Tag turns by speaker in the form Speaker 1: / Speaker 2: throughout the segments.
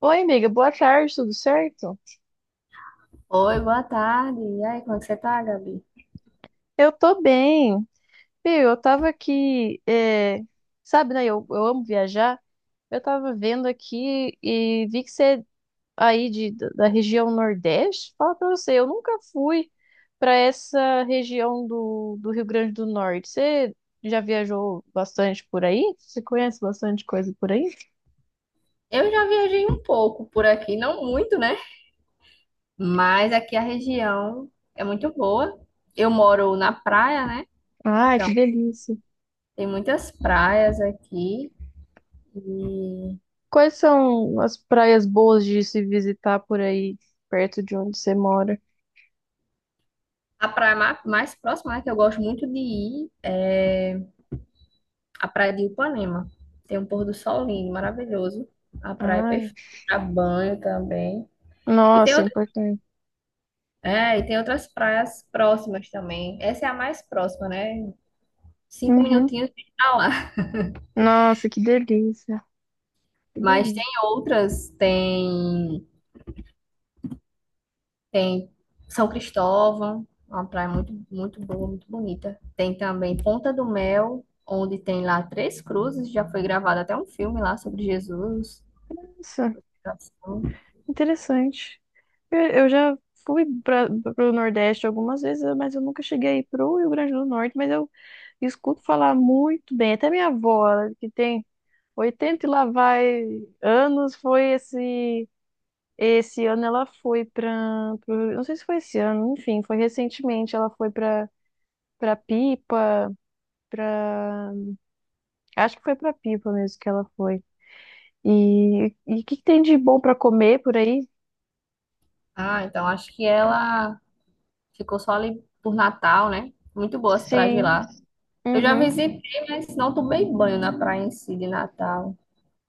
Speaker 1: Oi, amiga, boa tarde, tudo certo?
Speaker 2: Oi, boa tarde. E aí, como é que você tá, Gabi?
Speaker 1: Eu tô bem. Viu, eu tava aqui, sabe, né? Eu amo viajar. Eu tava vendo aqui e vi que você é aí da região Nordeste. Fala pra você, eu nunca fui pra essa região do Rio Grande do Norte. Você já viajou bastante por aí? Você conhece bastante coisa por aí?
Speaker 2: Eu já viajei um pouco por aqui, não muito, né? Mas aqui a região é muito boa. Eu moro na praia, né?
Speaker 1: Ai, que
Speaker 2: Então,
Speaker 1: delícia.
Speaker 2: tem muitas praias aqui. E
Speaker 1: Quais são as praias boas de se visitar por aí, perto de onde você mora?
Speaker 2: a praia mais próxima, né, que eu gosto muito de ir é a praia de Ipanema. Tem um pôr do sol lindo, maravilhoso. A praia é
Speaker 1: Ai.
Speaker 2: perfeita. Pra banho também. E tem
Speaker 1: Nossa, é importante.
Speaker 2: e tem outras praias próximas também. Essa é a mais próxima, né? Cinco
Speaker 1: Uhum.
Speaker 2: minutinhos de estar lá.
Speaker 1: Nossa, que delícia. Que
Speaker 2: Mas
Speaker 1: delícia.
Speaker 2: tem outras, tem São Cristóvão, uma praia muito, muito boa, muito bonita. Tem também Ponta do Mel, onde tem lá três cruzes, já foi gravado até um filme lá sobre Jesus.
Speaker 1: Nossa, interessante. Eu já fui para o Nordeste algumas vezes, mas eu nunca cheguei aí pro Rio Grande do Norte, mas eu escuto falar muito bem. Até minha avó, ela que tem 80 e lá vai anos, foi esse ano ela foi para, não sei se foi esse ano, enfim, foi recentemente, ela foi para Pipa, para acho que foi para Pipa mesmo que ela foi. E o que tem de bom pra comer por aí?
Speaker 2: Ah, então acho que ela ficou só ali por Natal, né? Muito boa as praias de
Speaker 1: Sim,
Speaker 2: lá. Eu já
Speaker 1: uhum.
Speaker 2: visitei, mas não tomei banho na praia em si de Natal.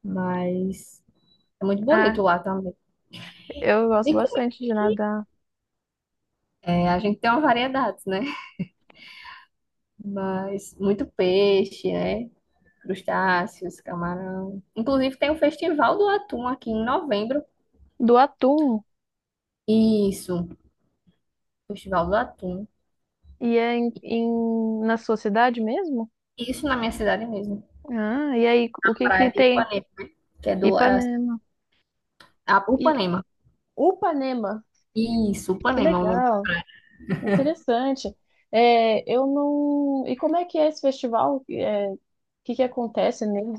Speaker 2: Mas é muito
Speaker 1: Ah,
Speaker 2: bonito lá também.
Speaker 1: eu gosto
Speaker 2: De comer,
Speaker 1: bastante de nadar.
Speaker 2: a gente tem uma variedade, né? Mas muito peixe, né? Crustáceos, camarão. Inclusive tem o Festival do Atum aqui em novembro.
Speaker 1: Do atum,
Speaker 2: Isso, Festival do Atum.
Speaker 1: e é na sua cidade mesmo?
Speaker 2: Isso na minha cidade mesmo,
Speaker 1: Ah, e aí, o que
Speaker 2: praia
Speaker 1: que
Speaker 2: de
Speaker 1: tem?
Speaker 2: Ipanema, que é do é
Speaker 1: Ipanema.
Speaker 2: a
Speaker 1: E
Speaker 2: Upanema.
Speaker 1: Upanema,
Speaker 2: Isso,
Speaker 1: que
Speaker 2: Upanema, é o nome.
Speaker 1: legal, interessante. É, eu não. E como é que é esse festival? É, o que que acontece nele?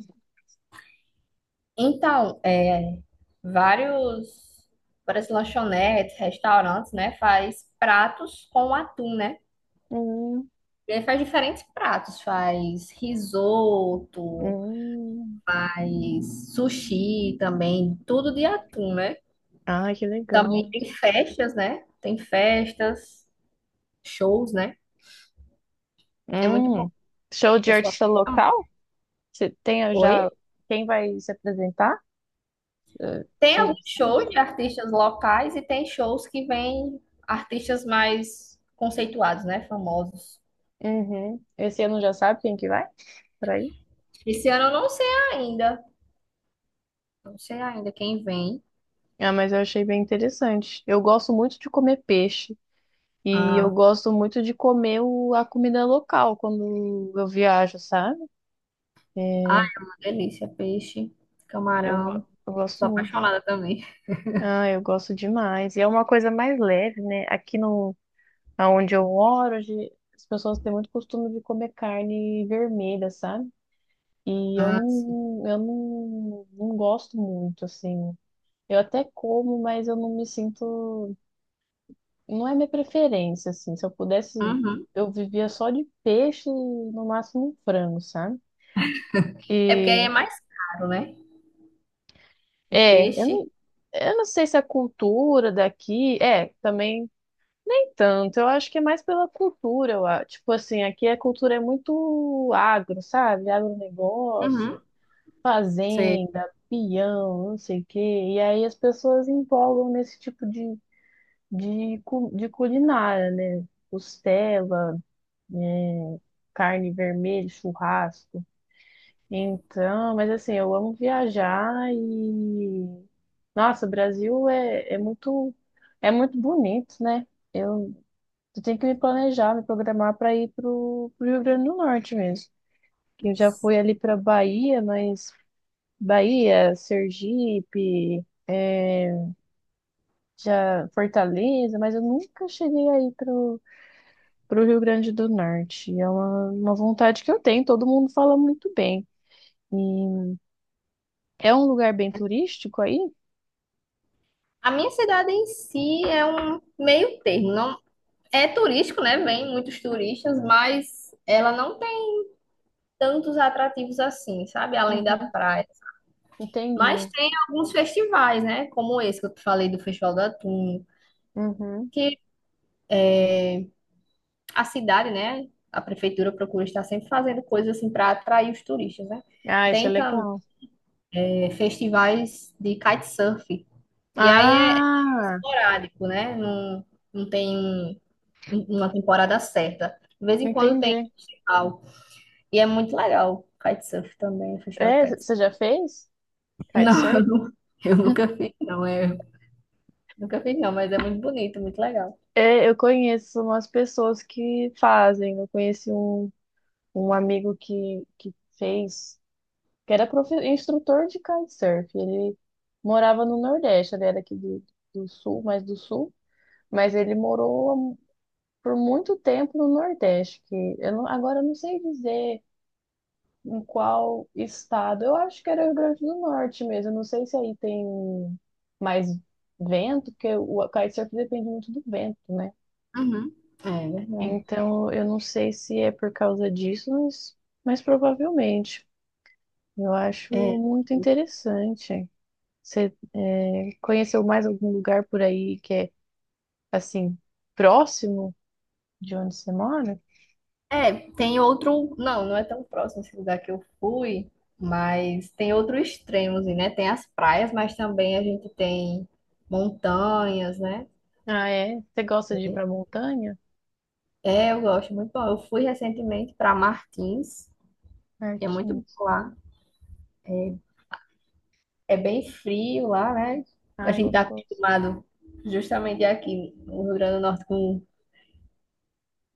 Speaker 2: Então, vários, várias lanchonetes, restaurantes, né, faz pratos com atum, né?
Speaker 1: Hum,
Speaker 2: E aí faz diferentes pratos, faz risoto,
Speaker 1: hum.
Speaker 2: faz sushi também, tudo de atum, né?
Speaker 1: Ah, que
Speaker 2: Também
Speaker 1: legal.
Speaker 2: tem festas, né? Tem festas, shows, né? É muito bom,
Speaker 1: Hum. Show de
Speaker 2: pessoal.
Speaker 1: artista
Speaker 2: Ah,
Speaker 1: local? Você tem já
Speaker 2: Oi?
Speaker 1: quem vai se apresentar?
Speaker 2: Tem
Speaker 1: Você...
Speaker 2: alguns shows de artistas locais e tem shows que vêm artistas mais conceituados, né? Famosos.
Speaker 1: Uhum. Esse ano já sabe quem que vai? Por aí?
Speaker 2: Esse ano eu não sei ainda. Não sei ainda quem vem.
Speaker 1: Ah, mas eu achei bem interessante. Eu gosto muito de comer peixe e eu
Speaker 2: Ah,
Speaker 1: gosto muito de comer a comida local quando eu viajo, sabe?
Speaker 2: ah,
Speaker 1: É,
Speaker 2: é uma delícia. Peixe, camarão.
Speaker 1: eu gosto
Speaker 2: Sou
Speaker 1: muito.
Speaker 2: apaixonada também.
Speaker 1: Ah, eu gosto demais. E é uma coisa mais leve, né? Aqui no, aonde eu moro, hoje, as pessoas têm muito costume de comer carne vermelha, sabe? E
Speaker 2: Ah, sim.
Speaker 1: eu não, não gosto muito, assim. Eu até como, mas eu não me sinto. Não é minha preferência, assim. Se eu pudesse,
Speaker 2: Uhum.
Speaker 1: eu vivia só de peixe e no máximo um frango, sabe?
Speaker 2: É porque aí é
Speaker 1: Que.
Speaker 2: mais caro, né? O
Speaker 1: É,
Speaker 2: peixe.
Speaker 1: eu não sei se a cultura daqui. É, também nem tanto. Eu acho que é mais pela cultura. Tipo assim, aqui a cultura é muito agro, sabe?
Speaker 2: Uhum.
Speaker 1: Agronegócio.
Speaker 2: Sei.
Speaker 1: Fazenda, peão, não sei o quê. E aí as pessoas empolgam nesse tipo de, de culinária, né? Costela, é, carne vermelha, churrasco. Então, mas assim, eu amo viajar e. Nossa, o é muito bonito, né? Eu, eu tenho que me planejar, me programar para ir pro Rio Grande do Norte mesmo. Que eu já fui ali para Bahia, mas Bahia, Sergipe, já Fortaleza, mas eu nunca cheguei aí pro Rio Grande do Norte. É uma vontade que eu tenho, todo mundo fala muito bem. E é um lugar bem turístico aí?
Speaker 2: A minha cidade em si é um meio termo. Não é turístico, né? Vem muitos turistas, mas ela não tem tantos atrativos assim, sabe? Além da
Speaker 1: Uhum,
Speaker 2: praia. Mas
Speaker 1: entendi.
Speaker 2: tem alguns festivais, né? Como esse que eu te falei do Festival do Atum,
Speaker 1: Uhum.
Speaker 2: que a cidade, né? A prefeitura procura estar sempre fazendo coisas assim para atrair os turistas, né?
Speaker 1: Ah, isso é
Speaker 2: Tem também
Speaker 1: legal.
Speaker 2: festivais de kitesurf. E aí é
Speaker 1: Ah,
Speaker 2: esporádico, né? Não, não tem numa temporada certa. De vez em quando tem
Speaker 1: entendi.
Speaker 2: festival. E é muito legal. Kitesurf também, o festival de
Speaker 1: É,
Speaker 2: kitesurf.
Speaker 1: você já fez?
Speaker 2: Não,
Speaker 1: Kitesurf?
Speaker 2: eu nunca fiz, não. Eu nunca fiz, não, mas é muito bonito, muito legal.
Speaker 1: É, eu conheço umas pessoas que fazem. Eu conheci um amigo que fez. Que era instrutor de kitesurf. Ele morava no Nordeste, ele era aqui do Sul, mais do Sul, mas ele morou por muito tempo no Nordeste, que eu não, agora eu não sei dizer em qual estado. Eu acho que era o Rio Grande do Norte mesmo. Eu não sei se aí tem mais vento, porque o kitesurf depende muito do vento, né?
Speaker 2: Uhum. É verdade.
Speaker 1: Então, eu não sei se é por causa disso, mas provavelmente. Eu acho
Speaker 2: É.
Speaker 1: muito interessante. Você é, conheceu mais algum lugar por aí que é assim próximo de onde você mora?
Speaker 2: É, tem outro. Não, não é tão próximo esse lugar que eu fui, mas tem outro extremo, assim, né? Tem as praias, mas também a gente tem montanhas, né?
Speaker 1: Ah, é? Você gosta de ir pra montanha?
Speaker 2: É, eu gosto muito bom. Eu fui recentemente para Martins, e é muito
Speaker 1: Martins.
Speaker 2: bom lá. É, É bem frio lá, né? A
Speaker 1: Ai,
Speaker 2: gente tá
Speaker 1: gostoso.
Speaker 2: acostumado justamente aqui no Rio Grande do Norte com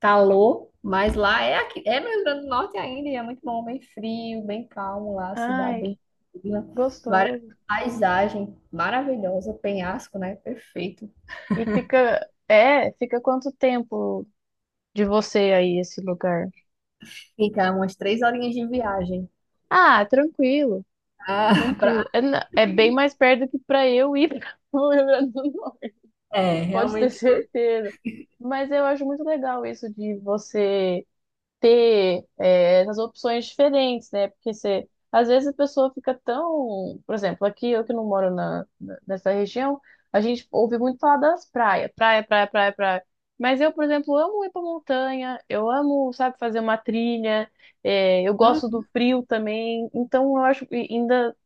Speaker 2: calor, mas lá é aqui, é no Rio Grande do Norte ainda, e é muito bom, bem frio, bem calmo lá, cidade
Speaker 1: Ai,
Speaker 2: bem fria, várias
Speaker 1: gostoso.
Speaker 2: paisagem maravilhosa, penhasco, né? Perfeito.
Speaker 1: E fica, é, fica quanto tempo de você aí esse lugar?
Speaker 2: Fica umas 3 horinhas de viagem.
Speaker 1: Ah, tranquilo,
Speaker 2: Ah, pra...
Speaker 1: tranquilo. É, é bem mais perto que pra eu ir para o Rio Grande do Norte.
Speaker 2: É,
Speaker 1: Pode ter
Speaker 2: realmente.
Speaker 1: certeza. Mas eu acho muito legal isso de você ter essas opções diferentes, né? Porque você, às vezes a pessoa fica tão, por exemplo, aqui eu que não moro nessa região, a gente ouve muito falar das praias, praia, praia, praia, praia. Mas eu, por exemplo, amo ir pra montanha, eu amo, sabe, fazer uma trilha, eu gosto do
Speaker 2: Uhum.
Speaker 1: frio também, então eu acho que ainda,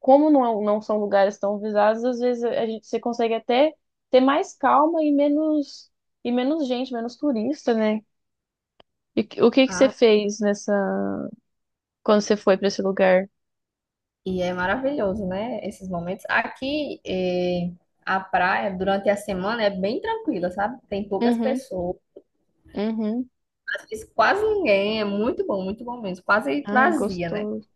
Speaker 1: como não, não são lugares tão visados, às vezes a gente, você consegue até ter mais calma e menos gente, menos turista, né? E o que que você
Speaker 2: Ah,
Speaker 1: fez nessa quando você foi pra esse lugar?
Speaker 2: e é maravilhoso, né? Esses momentos. Aqui, a praia, durante a semana, é bem tranquila, sabe? Tem poucas
Speaker 1: Uhum,
Speaker 2: pessoas,
Speaker 1: uhum.
Speaker 2: quase ninguém. É muito bom mesmo. Quase
Speaker 1: Ai,
Speaker 2: vazia, né?
Speaker 1: gostoso,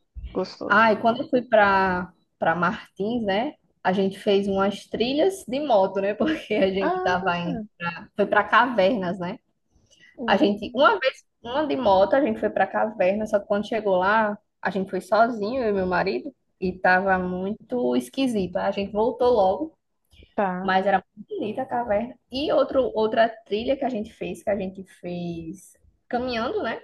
Speaker 2: Ah, e
Speaker 1: gostoso.
Speaker 2: quando eu fui para Martins, né? A gente fez umas trilhas de moto, né? Porque a gente
Speaker 1: Ah,
Speaker 2: tava indo. Foi para cavernas, né? A gente,
Speaker 1: hum,
Speaker 2: uma vez, uma de moto, a gente foi para caverna, só que quando chegou lá, a gente foi sozinho, eu e meu marido. E tava muito esquisito. Aí a gente voltou logo.
Speaker 1: tá.
Speaker 2: Mas era muito bonita a caverna. E outra trilha que a gente fez, que a gente fez caminhando, né?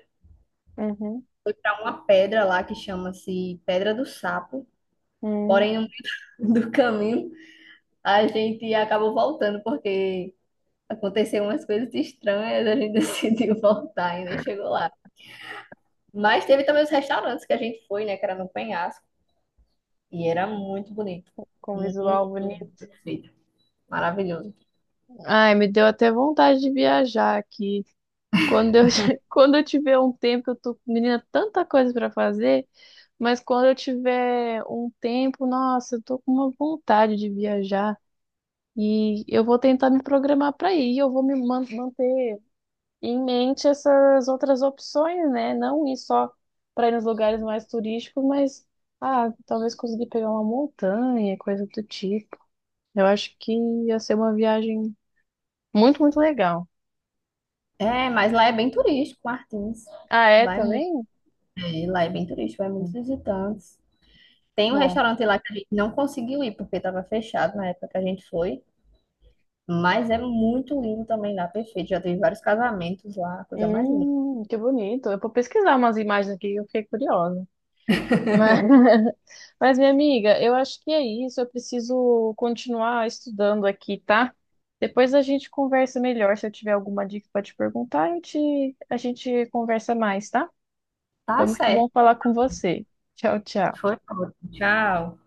Speaker 1: Uhum,
Speaker 2: Para uma pedra lá que chama-se Pedra do Sapo.
Speaker 1: uhum.
Speaker 2: Porém, no meio do caminho, a gente acabou voltando, porque aconteceu umas coisas estranhas, a gente decidiu voltar e nem chegou lá. Mas teve também os restaurantes que a gente foi, né? Que era no penhasco. E era muito bonito.
Speaker 1: Com
Speaker 2: Muito
Speaker 1: visual bonito.
Speaker 2: perfeito. Maravilhoso.
Speaker 1: Ai, me deu até vontade de viajar aqui. Quando eu, quando eu tiver um tempo, eu tô, menina, tanta coisa pra fazer, mas quando eu tiver um tempo, nossa, eu tô com uma vontade de viajar e eu vou tentar me programar pra ir, eu vou me manter em mente essas outras opções, né? Não ir só para ir nos lugares mais turísticos, mas ah, talvez conseguir pegar uma montanha, coisa do tipo. Eu acho que ia ser uma viagem muito, muito legal.
Speaker 2: É, mas lá é bem turístico, Martins.
Speaker 1: Ah, é
Speaker 2: Vai muito.
Speaker 1: também?
Speaker 2: É, lá é bem turístico, vai muitos visitantes. Tem um
Speaker 1: Bom,
Speaker 2: restaurante lá que a gente não conseguiu ir porque estava fechado na época que a gente foi, mas é muito lindo também lá, perfeito. Já teve vários casamentos lá, coisa mais linda.
Speaker 1: que bonito. Eu vou pesquisar umas imagens aqui, eu fiquei curiosa. Mas mas, minha amiga, eu acho que é isso. Eu preciso continuar estudando aqui, tá? Depois a gente conversa melhor. Se eu tiver alguma dica para te perguntar, eu te... a gente conversa mais, tá? Foi
Speaker 2: Tá
Speaker 1: muito
Speaker 2: certo.
Speaker 1: bom falar com você. Tchau, tchau.
Speaker 2: Foi ótimo. Tchau.